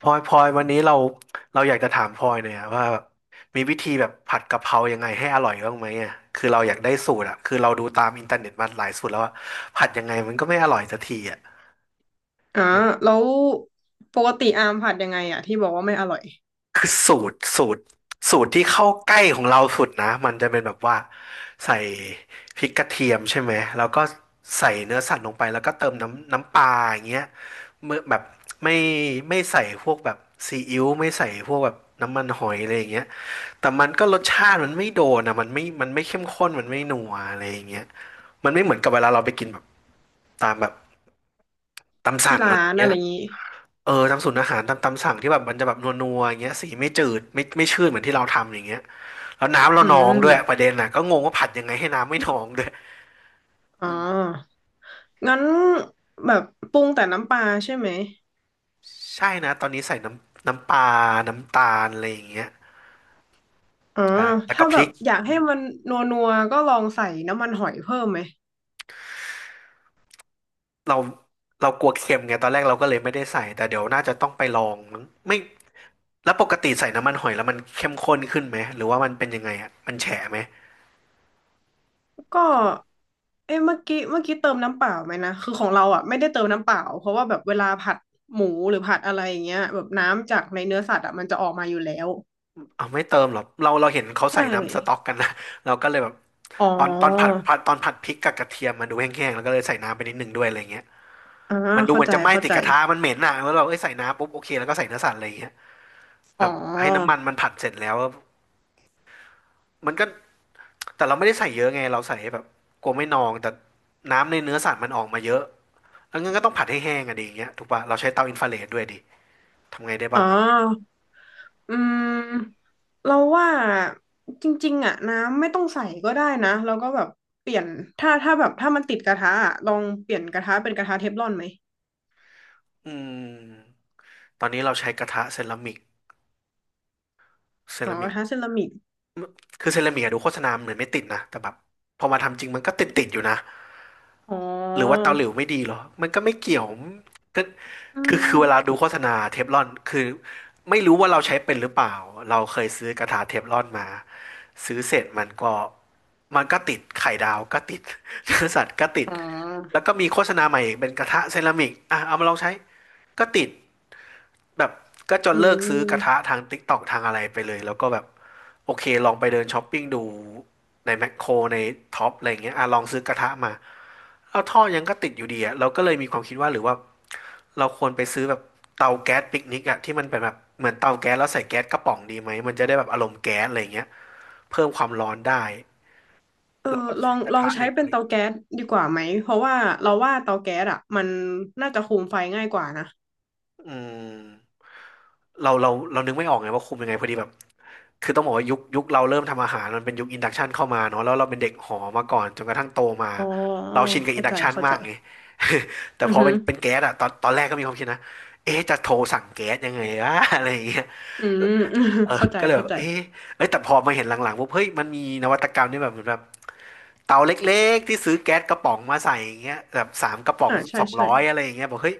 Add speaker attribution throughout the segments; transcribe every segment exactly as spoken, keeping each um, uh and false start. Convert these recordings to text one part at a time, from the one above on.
Speaker 1: พลอยพลอยวันนี้เราเราอยากจะถามพลอยเนี่อยอะว่าแบบมีวิธีแบบผัดกะเพรายังไงให้อร่อยบ้างไหมอ่ะคือเราอยากได้สูตรอ่ะคือเราดูตามอินเทอร์เน็ตมาหลายสูตรแล้วว่าผัดยังไงมันก็ไม่อร่อยสักทีอ่ะ
Speaker 2: อ่าแล้วปกติอามผัดยังไงอ่ะที่บอกว่าไม่อร่อย
Speaker 1: คือสูตรสูตรสูตรที่เข้าใกล้ของเราสุดนะมันจะเป็นแบบว่าใส่พริกกระเทียมใช่ไหมแล้วก็ใส่เนื้อสัตว์ลงไปแล้วก็เติมน้ำน้ำปลาอย่างเงี้ยเมื่อแบบไม่ไม่ใส่พวกแบบซีอิ๊วไม่ใส่พวกแบบน้ำมันหอยอะไรอย่างเงี้ยแต่มันก็รสชาติมันไม่โดนอ่ะมันไม่มันไม่เข้มข้นมันไม่นัวอะไรอย่างเงี้ยมันไม่เหมือนกับเวลาเราไปกินแบบตามแบบตาม
Speaker 2: ที่
Speaker 1: สั่งอะไร
Speaker 2: ร้า
Speaker 1: อย่า
Speaker 2: น
Speaker 1: ง
Speaker 2: อะ
Speaker 1: เงี้ย
Speaker 2: ไรอย่างงี้
Speaker 1: เออตามสูตรอาหารตามตามสั่งที่แบบมันจะแบบนัวๆอย่างเงี้ยสีไม่จืดไม่ไม่ชืดเหมือนที่เราทำอย่างเงี้ยแล้วน้ำเรา
Speaker 2: อื
Speaker 1: นองด้วยป
Speaker 2: ม
Speaker 1: ระเด็นน่ะก็งงว่าผัดยังไงให้น้ำไม่นองด้วย
Speaker 2: อ๋อ
Speaker 1: อืม
Speaker 2: งั้นแบบปรุงแต่น้ำปลาใช่ไหม
Speaker 1: ใช่นะตอนนี้ใส่น้ำน้ำปลาน้ำตาลอะไรอย่างเงี้ย
Speaker 2: อ๋อ
Speaker 1: ใช่แล้วก็
Speaker 2: ถ้า
Speaker 1: พ
Speaker 2: แบ
Speaker 1: ริ
Speaker 2: บ
Speaker 1: ก
Speaker 2: อยาก
Speaker 1: อื
Speaker 2: ให้
Speaker 1: ม
Speaker 2: มันนัวนัวก็ลองใส่น้ำมันหอยเพิ่มไหม
Speaker 1: เราเรากลัวเค็มไงตอนแรกเราก็เลยไม่ได้ใส่แต่เดี๋ยวน่าจะต้องไปลองมั้งไม่แล้วปกติใส่น้ำมันหอยแล้วมันเข้มข้นขึ้นไหมหรือว่ามันเป็นยังไงอ่ะมันแฉะไหม
Speaker 2: ก็เอ้เมื่อกี้เมื่อกี้เติมน้ำเปล่าไหมนะ คือของเราอ่ะไม่ได้เติมน้ำเปล่าเพราะว่าแบบเวลาผัดหมูหรือผัดอะไรอย่างเงี้ยแบบน้ำจากในเนื้อสัตว์อ่ะมันจะออกมาอยู่แล้ว
Speaker 1: เอาไม่เติมหรอเราเราเห็นเขา
Speaker 2: ใช่
Speaker 1: ใส่น้ำสต๊อกกันนะ เราก็เลยแบบ
Speaker 2: อ๋อ
Speaker 1: ตอนตอนผัดผัดตอนผัดพริกกับกระเทียมมันดูแห้งๆแล้วก็เลยใส่น้ำไปนิดนึงด้วยอะไรเงี้ย
Speaker 2: อ่า
Speaker 1: มันดู
Speaker 2: เข้า
Speaker 1: เหมือน
Speaker 2: ใจ
Speaker 1: จะไหม้
Speaker 2: เข้า
Speaker 1: ติ
Speaker 2: ใจ
Speaker 1: ดกระทะมันเหม็นอ่ะแล้วเราเอ้ยใส่น้ำปุ๊บโอเคแล้วก็ใส่เนื้อสัตว์อะไรเงี้ยแบ
Speaker 2: อ๋
Speaker 1: บให้น้ำ
Speaker 2: อ
Speaker 1: มันมันผัดเสร็จแล้วมันก็แต่เราไม่ได้ใส่เยอะไงเราใส่แบบกลัวไม่นองแต่น้ำในเนื้อสัตว์มันออกมาเยอะแล้วงั้นก็ต้องผัดให้แห้งอะดีอย่างเงี้ยถูกปะเราใช้เตาอินฟราเรดด้วยดิทำไงได้
Speaker 2: อ๋อ
Speaker 1: บ้างอ่ะ
Speaker 2: อืมเราว่าจริงๆอ่ะน้ำไม่ต้องใส่ก็ได้นะเราก็แบบเปลี่ยนถ้าถ้าแบบถ้ามันติดกระทะอะลองเปลี่ยนกระทะเป็นกระทะเทฟลอนไหม
Speaker 1: อืมตอนนี้เราใช้กระทะเซรามิกเซ
Speaker 2: อ๋อ
Speaker 1: รา
Speaker 2: ก
Speaker 1: มิ
Speaker 2: ระ
Speaker 1: ก
Speaker 2: ทะเซรามิก
Speaker 1: คือเซรามิกอะดูโฆษณาเหมือนไม่ติดนะแต่แบบพอมาทำจริงมันก็ติดติดอยู่นะ
Speaker 2: อ๋อ
Speaker 1: หรือว่าเตาหลิวไม่ดีเหรอมันก็ไม่เกี่ยวก็
Speaker 2: อื
Speaker 1: คือคือเวลา
Speaker 2: ม
Speaker 1: ดูโฆษณาเทฟลอนคือไม่รู้ว่าเราใช้เป็นหรือเปล่าเราเคยซื้อกระทะเทฟลอนมาซื้อเสร็จมันก็มันก็ติดไข่ดาวก็ติดเนื้อสัตว์ก็ติด
Speaker 2: อ๋อ
Speaker 1: แล้วก็มีโฆษณาใหม่อีกเป็นกระทะเซรามิกอ่ะเอามาลองใช้ก็ติด แบบก็จ
Speaker 2: อื
Speaker 1: นเลิกซื้อกระทะ
Speaker 2: ม
Speaker 1: ทาง TikTok ทางอะไรไปเลยแล้วก็แบบโอเคลองไปเดินช้อปปิ้งดูในแมคโครในท็อปอะไรเงี้ยอ่ะลองซื้อกระทะมาแล้วท่อยังก็ติดอยู่ดีอ่ะเราก็เลยมีความคิดว่าหรือว่าเราควรไปซื้อแบบเตาแก๊สปิกนิกอ่ะที่มันเป็นแบบเหมือนเตาแก๊สแล้วใส่แก๊สกระป๋องดีไหมมันจะได้แบบอารมณ์แก๊สอะไรเงี้ยเพิ่มความร้อนได้
Speaker 2: เออ
Speaker 1: แล้วก็
Speaker 2: ลอ
Speaker 1: ใช้
Speaker 2: ง
Speaker 1: กระ
Speaker 2: ลอง
Speaker 1: ทะเห
Speaker 2: ใช้
Speaker 1: ล็ก
Speaker 2: เป็
Speaker 1: อะ
Speaker 2: น
Speaker 1: ไร
Speaker 2: เตา
Speaker 1: เงี้ย
Speaker 2: แก๊สดีกว่าไหมเพราะว่าเราว่าเตาแก๊สอ่ะมันน่าจะคุมไฟง่ายกว่านะ
Speaker 1: อืม เราเราเรานึกไม่ออกไงว่าคุมยังไงพอดีแบบคือต้องบอกว่ายุคยุคเราเริ่มทำอาหารมันเป็นยุคอินดักชันเข้ามาเนาะแล้วเราเป็นเด็กหอมาก่อนจนกระทั่งโตมา
Speaker 2: อ๋อ
Speaker 1: เราชินกับอิ
Speaker 2: เข้า
Speaker 1: นดั
Speaker 2: ใจ
Speaker 1: กชัน
Speaker 2: เข้า
Speaker 1: มา
Speaker 2: ใจ
Speaker 1: กไง แต่
Speaker 2: อือ
Speaker 1: พอ
Speaker 2: หื
Speaker 1: เป็
Speaker 2: อ
Speaker 1: นเป็นแก๊สอะตอนตอนแรกก็มีความคิดนะเอ๊ะจะโทรสั่งแก๊สยังไงวะ อะไรอย่างเงี้ย
Speaker 2: อืม
Speaker 1: เออ
Speaker 2: เข้าใจ
Speaker 1: ก็เลยแบ
Speaker 2: เข้า
Speaker 1: บ
Speaker 2: ใจ
Speaker 1: เอ๊ะเอ้ยแต่พอมาเห็นหลังๆปุ๊บเฮ้ยมันมีนวัตกรรมนี่แบบเหมือนแบบเตาเล็กๆที่ซื้อแก๊สกระป๋องมาใส่อย่างเงี้ยแบบสามกระป๋อง
Speaker 2: อ่าใช่
Speaker 1: สอง
Speaker 2: ใช่
Speaker 1: ร้อยอะไรอย่างเงี้ยบอกเฮ้ย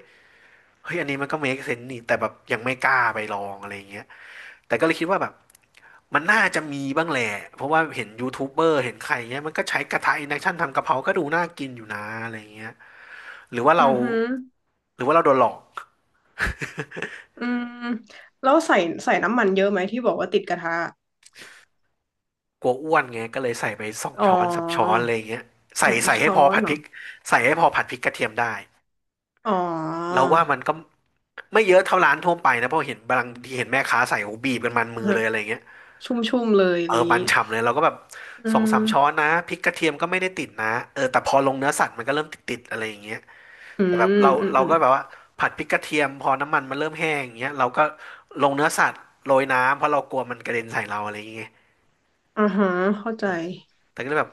Speaker 1: เฮ้ยอันนี้มันก็เมคเซนส์นี่แต่แบบยังไม่กล้าไปลองอะไรอย่างเงี้ยแต่ก็เลยคิดว่าแบบ มันน่าจะมีบ้างแหละ เพราะว่าเห็นยูทูบเบอร์เห็นใครเงี้ยมันก็ใช้กระทะอินดักชันทำกะเพราก็ดูน่ากินอยู่นะอะไรเงี้ยหรือว่าเรา
Speaker 2: อือหือ
Speaker 1: หรือว่าเราโดนหลอก
Speaker 2: อืมแล้วใส่ใส่น้ำมันเยอะไหมที่บอกว่าติดกระทะ
Speaker 1: กลัวอ้วนไงก็เลยใส่ไปสอง
Speaker 2: อ๋อ
Speaker 1: ช้อนสามช้อนอะไรเงี้ย
Speaker 2: ส
Speaker 1: ใส่
Speaker 2: อง
Speaker 1: ใส่ให้
Speaker 2: ช้อ
Speaker 1: พอ
Speaker 2: น
Speaker 1: ผัด
Speaker 2: เหร
Speaker 1: พ
Speaker 2: อ
Speaker 1: ริกใส่ให้พอผัดพริกกระเทียมได้
Speaker 2: อ๋อ
Speaker 1: เราว่ามันก็ไม่เยอะเท่าร้านทั่วไปนะเพราะเห็นบางทีเห็นแม่ค้าใส่โอ้บีบกันมันมือ
Speaker 2: ฮะ
Speaker 1: เลยอะไรเงี้ย
Speaker 2: ชุ่มๆเลยอะ
Speaker 1: เอ
Speaker 2: ไร
Speaker 1: อ
Speaker 2: อย่าง
Speaker 1: มัน
Speaker 2: นี้
Speaker 1: ฉ่ำเลยเราก็แบบ
Speaker 2: อื
Speaker 1: สอง
Speaker 2: ม
Speaker 1: สามช้อนนะพริกกระเทียมก็ไม่ได้ติดนะเออแต่พอลงเนื้อสัตว์มันก็เริ่มติดๆอะไรอย่างเงี้ย
Speaker 2: อื
Speaker 1: แต่แบบ
Speaker 2: ม
Speaker 1: เรา
Speaker 2: อืม
Speaker 1: เรา
Speaker 2: อืม
Speaker 1: ก็แบบว่าผัดพริกกระเทียมพอน้ำมันมันเริ่มแห้งอย่างเงี้ยเราก็ลงเนื้อสัตว์โรยน้ำเพราะเรากลัวมันกระเด็นใส่เราอะไรอย่างเงี้ย
Speaker 2: อ่าฮะเข้าใจ
Speaker 1: แต่ก็เลยแบบ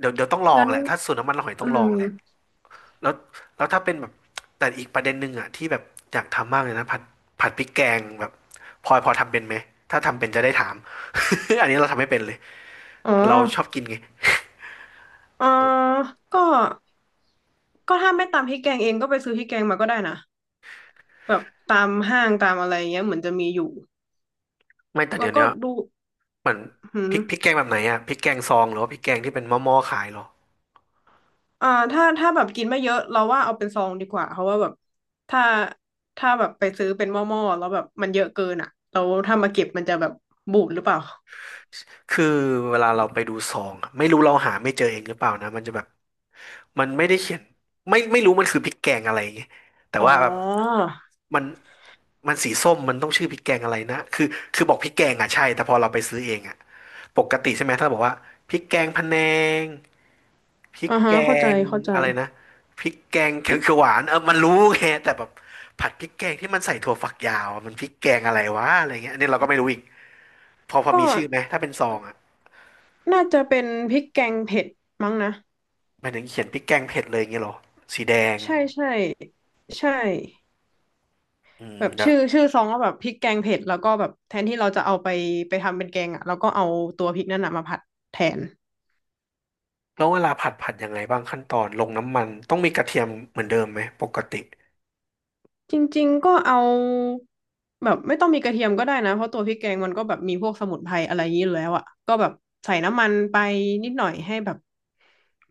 Speaker 1: เดี๋ยวเดี๋ยวต้องลอง
Speaker 2: งั้น
Speaker 1: แหละถ้าสูตรน้ำมันหอย
Speaker 2: อื
Speaker 1: ต้องลอง
Speaker 2: ม
Speaker 1: แหละแล้วแล้วถ้าเป็นแบบแต่อีกประเด็นหนึ่งอ่ะที่แบบอยากทำมากเลยนะผัดผัดพริกแกงแบบพลอยพอทำเป็นไหมถ้าทำเป็นจะได้ถาม อันนี้เราทำไม่เป็นเลย
Speaker 2: อ๋อ
Speaker 1: เราชอบกินไง
Speaker 2: อ่าก็ก็ถ้าไม่ตามพริกแกงเองก็ไปซื้อพริกแกงมาก็ได้นะแบบตามห้างตามอะไรเงี้ยเหมือนจะมีอยู่
Speaker 1: ไม่แต่
Speaker 2: แล้
Speaker 1: เดี๋
Speaker 2: ว
Speaker 1: ยว
Speaker 2: ก็
Speaker 1: เนี้ย
Speaker 2: ดู
Speaker 1: เหมือน
Speaker 2: หื
Speaker 1: พ
Speaker 2: ม
Speaker 1: ริกพริกแกงแบบไหนอ่ะพริกแกงซองหรือว่าพริกแกงที่เป็นหม้อๆขายเหรอ
Speaker 2: อ่าถ้าถ้าแบบกินไม่เยอะเราว่าเอาเป็นซองดีกว่าเพราะว่าแบบถ้าถ้าแบบไปซื้อเป็นหม้อๆแล้วแบบมันเยอะเกินอ่ะเราถ้ามาเก็บมันจะแบบบูดหรือเปล่า
Speaker 1: คือเวลาเราไปดูซองอะไม่รู้เราหาไม่เจอเองหรือเปล่านะมันจะแบบมันไม่ได้เขียนไม่ไม่รู้มันคือพริกแกงอะไรอย่างเงี้ยแต่
Speaker 2: อ๋อ
Speaker 1: ว่าแบบมันมันสีส้มมันต้องชื่อพริกแกงอะไรนะคือคือบอกพริกแกงอ่ะใช่แต่พอเราไปซื้อเองอ่ะปกติใช่ไหมถ้าเราบอกว่าพริกแกงพะแนงพริ
Speaker 2: อ่า
Speaker 1: ก
Speaker 2: ฮะ
Speaker 1: แก
Speaker 2: เข้าใจ
Speaker 1: ง
Speaker 2: เข้าใจ
Speaker 1: อะไรนะพริกแกง
Speaker 2: พ
Speaker 1: เขี
Speaker 2: ริ
Speaker 1: ยว
Speaker 2: ก
Speaker 1: เขียวหวานเออมันรู้ไงแต่แบบผัดพริกแกงที่มันใส่ถั่วฝักยาวอะมันพริกแกงอะไรวะอะไรเงี้ยอันนี้เราก็ไม่รู้อีกพอพอ
Speaker 2: ก็
Speaker 1: มีชื่อไหมถ้าเป็นซองอ่ะ
Speaker 2: น่าจะเป็นพริกแกงเผ็ดมั้งนะ
Speaker 1: หมายถึงเขียนพริกแกงเผ็ดเลยอย่างเงี้ยเหรอสีแดง
Speaker 2: ใช่ใช่ใช่
Speaker 1: อืม
Speaker 2: แบบ
Speaker 1: เดี๋ย
Speaker 2: ชื่
Speaker 1: ว
Speaker 2: อชื่อซองก็แบบพริกแกงเผ็ดแล้วก็แบบแทนที่เราจะเอาไปไปทำเป็นแกงอ่ะเราก็เอาตัวพริกนั่นน่ะมาผัดแทน
Speaker 1: แล้วเวลาผัดผัดยังไงบ้างขั้นตอนลงน้ำมันต้องมีกระเทียมเหมือนเดิมไหมปกติ
Speaker 2: จริงๆ ก็เอาแบบไม่ต้องมีกระเทียมก็ได้นะ เพราะตัวพริกแกงมันก็แบบมีพวกสมุนไพรอะไรอย่างนี้อยู่แล้วอ่ะก็แบบใส่น้ำมันไปนิดหน่อยให้แบบ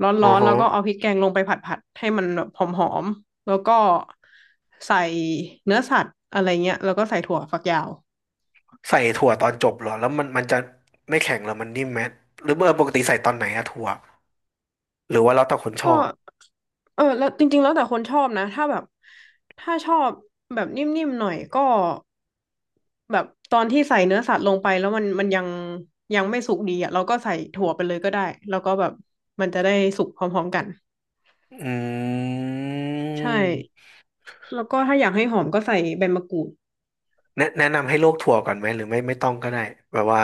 Speaker 2: ร
Speaker 1: อ๋อ
Speaker 2: ้อนๆ แล้
Speaker 1: ฮะ
Speaker 2: วก็เอาพริกแกงลงไปผัดๆ ให้มันแบบหอมๆแล้วก็ใส่เนื้อสัตว์อะไรเงี้ยแล้วก็ใส่ถั่วฝักยาว
Speaker 1: ใส่ถั่วตอนจบเหรอแล้วมันมันจะไม่แข็งเหรอมันนิ่มไหมหรือเมื่อปกติใส่ตอนไหนอะถั่วหรือว่าแล้วแต่คนช
Speaker 2: ก็
Speaker 1: อบ
Speaker 2: เออแล้วจริงๆแล้วแต่คนชอบนะถ้าแบบถ้าชอบแบบนิ่มๆหน่อยก็แบบตอนที่ใส่เนื้อสัตว์ลงไปแล้วมันมันยังยังไม่สุกดีอ่ะเราก็ใส่ถั่วไปเลยก็ได้แล้วก็แบบมันจะได้สุกพร้อมๆกัน
Speaker 1: อื
Speaker 2: ใช่
Speaker 1: ม
Speaker 2: แล้วก็ถ้าอยากให้หอมก็ใส่ใบมะกรูด
Speaker 1: แนะแนะนำให้ลวกถั่วก่อนไหมหรือไม่ไม่ต้องก็ได้แบบว่า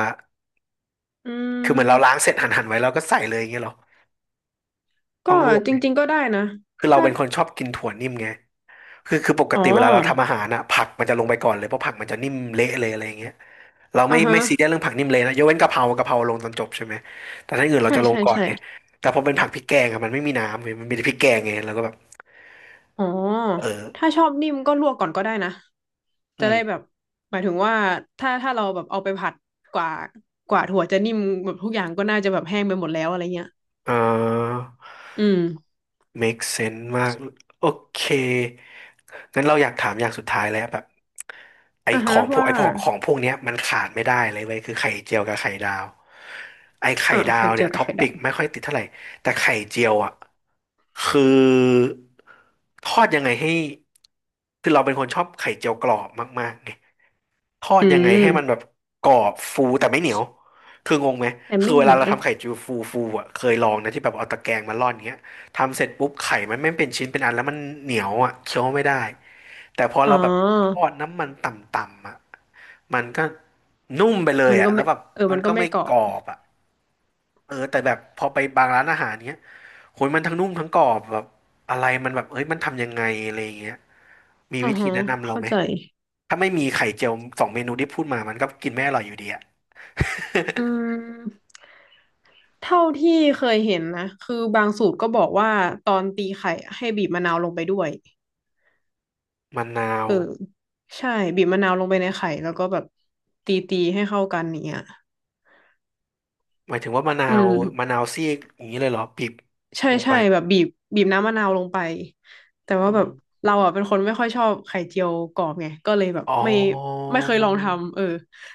Speaker 2: อื
Speaker 1: คือเหมือนเราล้าง
Speaker 2: ม
Speaker 1: เสร็จหั่นหั่นไว้แล้วก็ใส่เลยอย่างเงี้ยเหรอต้อ
Speaker 2: ก็
Speaker 1: งลวก
Speaker 2: จ
Speaker 1: ไหม
Speaker 2: ริงๆก็ได้นะ
Speaker 1: คือเรา
Speaker 2: ถ้า
Speaker 1: เป็นคนชอบกินถั่วนิ่มไง คือคือปก
Speaker 2: อ๋อ
Speaker 1: ติเวลาเราทำอาหารอะผักมันจะลงไปก่อนเลยเพราะผักมันจะนิ่มเละเลยอะไรอย่างเงี้ยเราไม่
Speaker 2: อ่าฮะ
Speaker 1: ไม่ซีเรียสเรื่องผักนิ่มเละนะยกเว้นกะเพรากะเพราลงตอนจบใช่ไหมแต่ถ้าอย่างอื่นเรา
Speaker 2: ใช่
Speaker 1: จะลง
Speaker 2: ใช่
Speaker 1: ก่อน
Speaker 2: ใช่
Speaker 1: ไงแต่พอเป็นผักพริกแกงอะมันไม่มีน้ำเว้ยมันมีแต่พริกแกงไงเราก็แบบ
Speaker 2: อ๋อ
Speaker 1: เอ
Speaker 2: ถ้า
Speaker 1: อ
Speaker 2: ชอบนิ่มก็ลวกก่อนก็ได้นะ
Speaker 1: อื
Speaker 2: จะ
Speaker 1: ม
Speaker 2: ได้แบบหมายถึงว่าถ้าถ้าเราแบบเอาไปผัดกว่า กว่าถั่วจะนิ่มแบบทุกอย่างก็น่าจะแบบแห้งไปหมดแล้วอะไรเงี้ย
Speaker 1: เอ่า
Speaker 2: อืม
Speaker 1: make sense มากโอเคงั้นเราอยากถามอย่างสุดท้ายแล้วแบบไอ
Speaker 2: อ่ะ
Speaker 1: ข
Speaker 2: ฮะ
Speaker 1: องพวก
Speaker 2: ว่า
Speaker 1: ไอพอของพวกเนี้ยมันขาดไม่ได้เลยเว้ยคือไข่เจียวกับไข่ดาวไอไข่
Speaker 2: อ่า
Speaker 1: ดา
Speaker 2: ไข่
Speaker 1: ว
Speaker 2: เจี
Speaker 1: เนี่
Speaker 2: ย
Speaker 1: ย
Speaker 2: วกับ
Speaker 1: ท็อป
Speaker 2: ไข่
Speaker 1: ปิ
Speaker 2: ดา
Speaker 1: ก
Speaker 2: ว
Speaker 1: ไม่ค่อยติดเท่าไหร่แต่ไข่เจียวอ่ะคือทอดยังไงให้คือเราเป็นคนชอบไข่เจียวกรอบมากๆไง ทอด
Speaker 2: อื
Speaker 1: ยังไงให้มันแบ
Speaker 2: ม
Speaker 1: บกรอบฟูแต่ไม่เหนียวคืองงไหม
Speaker 2: แต่
Speaker 1: คือ
Speaker 2: ไม่
Speaker 1: เว
Speaker 2: เห
Speaker 1: ลา
Speaker 2: นีย
Speaker 1: เรา
Speaker 2: ว
Speaker 1: ทำไข่จุยฟูฟูอ่ะเคยลองนะที่แบบเอาตะแกรงมาร่อนเงี้ยทำเสร็จปุ๊บไข่มันไม่เป็นชิ้นเป็นอันแล้วมันเหนียวอ่ะเคี้ยวไม่ได้แต่พอ
Speaker 2: อ๋อ
Speaker 1: เราแบบทอดน้ำมันต่ำๆอ่ะมันก็นุ่มไปเลย
Speaker 2: มัน
Speaker 1: อ่ะ
Speaker 2: ก็
Speaker 1: แล้
Speaker 2: ไม่
Speaker 1: วแบบ
Speaker 2: เออ
Speaker 1: มั
Speaker 2: มั
Speaker 1: น
Speaker 2: นก็
Speaker 1: ก็
Speaker 2: ไม่
Speaker 1: ไม่
Speaker 2: กรอ
Speaker 1: กร
Speaker 2: บ
Speaker 1: อบอ่ะเออแต่แบบพอไปบางร้านอาหารเนี้ยโหยมันทั้งนุ่มทั้งกรอบแบบอะไรมันแบบเอ้ยมันทำยังไงอะไรอย่างเงี้ยมี
Speaker 2: อ่า
Speaker 1: วิธี
Speaker 2: ฮะ
Speaker 1: แนะนำเรา
Speaker 2: เข้า
Speaker 1: ไหม
Speaker 2: ใจ
Speaker 1: ถ้าไม่มีไข่เจียวสองเมนูที่พูดมามันก็กินไม่อร่อยอยู่ดีอะ
Speaker 2: อืมเท่าที่เคยเห็นนะคือบางสูตรก็บอกว่าตอนตีไข่อให้บีบมะนาวลงไปด้วย
Speaker 1: มะนา
Speaker 2: เอ
Speaker 1: ว
Speaker 2: อใช่บีบมะนาวลงไปในไข่แล้วก็แบบตีตีให้เข้ากันอย่างเนี้ย
Speaker 1: หมายถึงว่ามะนา
Speaker 2: อืม
Speaker 1: วมะนาวซีกอย่างนี้เลยเหรอบีบ
Speaker 2: ใช่
Speaker 1: ลง
Speaker 2: ใช่
Speaker 1: ไป
Speaker 2: แบบบีบบีบน้ำมะนาวลงไปแต่ว่าแบ
Speaker 1: อื
Speaker 2: บ
Speaker 1: ม
Speaker 2: เราอ่ะเป็นคนไม่ค่อยชอบไข่เจียวกรอบไงก็เลยแบบ
Speaker 1: อ๋อ
Speaker 2: ไม่ไม่เคยลองทำเออ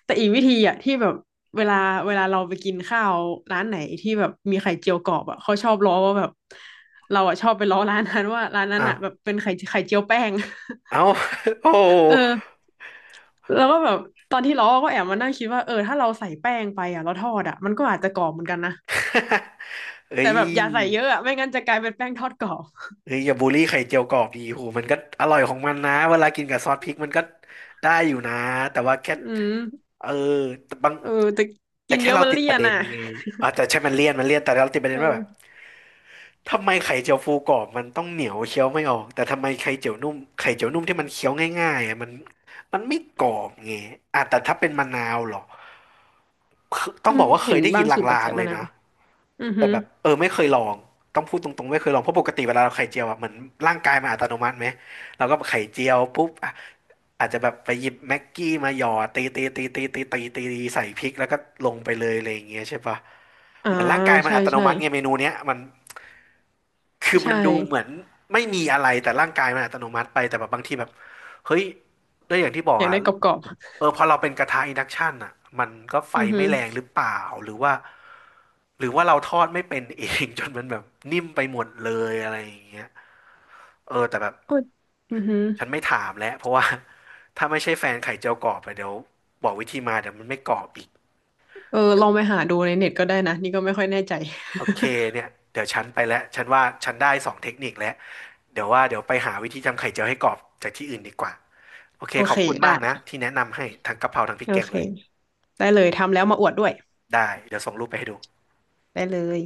Speaker 2: แต่อีกวิธีอ่ะที่แบบเวลาเวลาเราไปกินข้าวร้านไหนที่แบบมีไข่เจียวกรอบอ่ะเขาชอบล้อว่าแบบเราอ่ะชอบไปล้อร้านนั้นว่าร้านนั้น
Speaker 1: อ้าว
Speaker 2: อ่ะแบบเป็นไข่ไข่เจียวแป้ง
Speaker 1: เอา โอ้
Speaker 2: เออแล้วก็แบบตอนที่ล้อก็แอบมานั่งคิดว่าเออถ้าเราใส่แป้งไปอ่ะเราทอดอ่ะมันก็อาจจะกรอบเหมือนกันนะ
Speaker 1: เอ้
Speaker 2: แต่
Speaker 1: ย
Speaker 2: แบบอย่าใส่เยอะอ่ะไม่งั้นจะกลายเป็นแป้งทอดกรอบ
Speaker 1: เอ้ยอย่าบูลลี่ไข่เจียวกรอบดีโหมันก็อร่อยของมันนะเวลากินกับซอสพริกมันก็ได้อยู่นะแต่ว่าแค่
Speaker 2: อืม
Speaker 1: เออแต่บาง
Speaker 2: เออแต่
Speaker 1: แต่
Speaker 2: กิน
Speaker 1: แค่
Speaker 2: เยอะ
Speaker 1: เรา
Speaker 2: มัน
Speaker 1: ติด
Speaker 2: เลี่
Speaker 1: ป
Speaker 2: ย
Speaker 1: ระ
Speaker 2: น
Speaker 1: เด็น
Speaker 2: อ่ะ
Speaker 1: ไงอ่าแต่ใช่มันเลี่ยนมันเลี่ยนแต่เราติดประเด็นว่าแบบ
Speaker 2: เออ
Speaker 1: ทำไมไข่เจียวฟูกรอบมันต้องเหนียวเคี้ยวไม่ออกแต่ทำไมไข่เจียวนุ่มไข่เจียวนุ่มที่มันเคี้ยวง่ายๆอ่ะมันมันไม่กรอบไงอ่ะแต่ถ้าเป็นมะนาวเหรอคือต้อ
Speaker 2: อื
Speaker 1: งบ
Speaker 2: ม
Speaker 1: อกว่าเค
Speaker 2: เห็น
Speaker 1: ยได้
Speaker 2: บา
Speaker 1: ยิ
Speaker 2: ง
Speaker 1: น
Speaker 2: สูตรบอก
Speaker 1: ลาง
Speaker 2: ใส่
Speaker 1: ๆเล
Speaker 2: มะ
Speaker 1: ย
Speaker 2: นาว
Speaker 1: นะ
Speaker 2: อือฮึ
Speaker 1: แต่แบบเออไม่เคยลองต้องพูดตรงๆไม่เคยลองเพราะปกติเวลาเราไข่เจียวอะเหมือนร่างกายมันอัตโนมัติไหมเราก็ไข่เจียวปุ๊บอะอาจจะแบบไปหยิบแม็กกี้มาหยอดตีตีตีตีตีตีตีตีใส่พริกแล้วก็ลงไปเลยอะไรอย่างเงี้ยใช่ปะ
Speaker 2: อ่า
Speaker 1: เหมือนร่างกายมัน
Speaker 2: ใช่
Speaker 1: อัตโน
Speaker 2: ใช่
Speaker 1: มัติไงเมนูเนี้ยมัน คือ
Speaker 2: ใช่
Speaker 1: มันดูเหมือนไม่มีอะไรแต่ร่างกายมันอัตโนมัติไปแต่แบบบางทีแบบเฮ้ยด้วยอย่างที่บอ
Speaker 2: อ
Speaker 1: ก
Speaker 2: ยาก
Speaker 1: อ่ะ
Speaker 2: ได้กรอบ
Speaker 1: เออพอเราเป็นกระทะอินดักชันอ่ะมันก็ไฟ
Speaker 2: ๆอือฮึ
Speaker 1: ไม่แรงหรือเปล่าหรือว่าหรือว่าเราทอดไม่เป็นเอง จนมันแบบนิ่มไปหมดเลยอะไรอย่างเงี้ยเออแต่แบบ
Speaker 2: โอยอือฮึ
Speaker 1: ฉันไม่ถามแล้วเพราะว่า ถ้าไม่ใช่แฟนไข่เจียวกรอบอะเดี๋ยวบอกวิธีมาเดี๋ยวมันไม่กรอบอีก
Speaker 2: เออลองไปหาดูในเน็ตก็ได้นะนี่ก็ไม่ค่อยแน่ใจ
Speaker 1: โอเคเนี่ยเดี๋ยวฉันไปแล้วฉันว่าฉันได้สองเทคนิคแล้วเดี๋ยวว่าเดี๋ยวไปหาวิธีทำไข่เจียวให้กรอบจากที่อื่นดีกว่าโอ เค
Speaker 2: โอ
Speaker 1: ข
Speaker 2: เค
Speaker 1: อบคุณ
Speaker 2: ได้
Speaker 1: มากนะที่แนะนำให้ทั้งกะเพราทั้งพริ
Speaker 2: โอ
Speaker 1: กแกง
Speaker 2: เค
Speaker 1: เลย
Speaker 2: ได้เลยทำแล้วมาอวดด้วย
Speaker 1: ได้เดี๋ยวส่งรูปไปให้ดู
Speaker 2: ได้เลย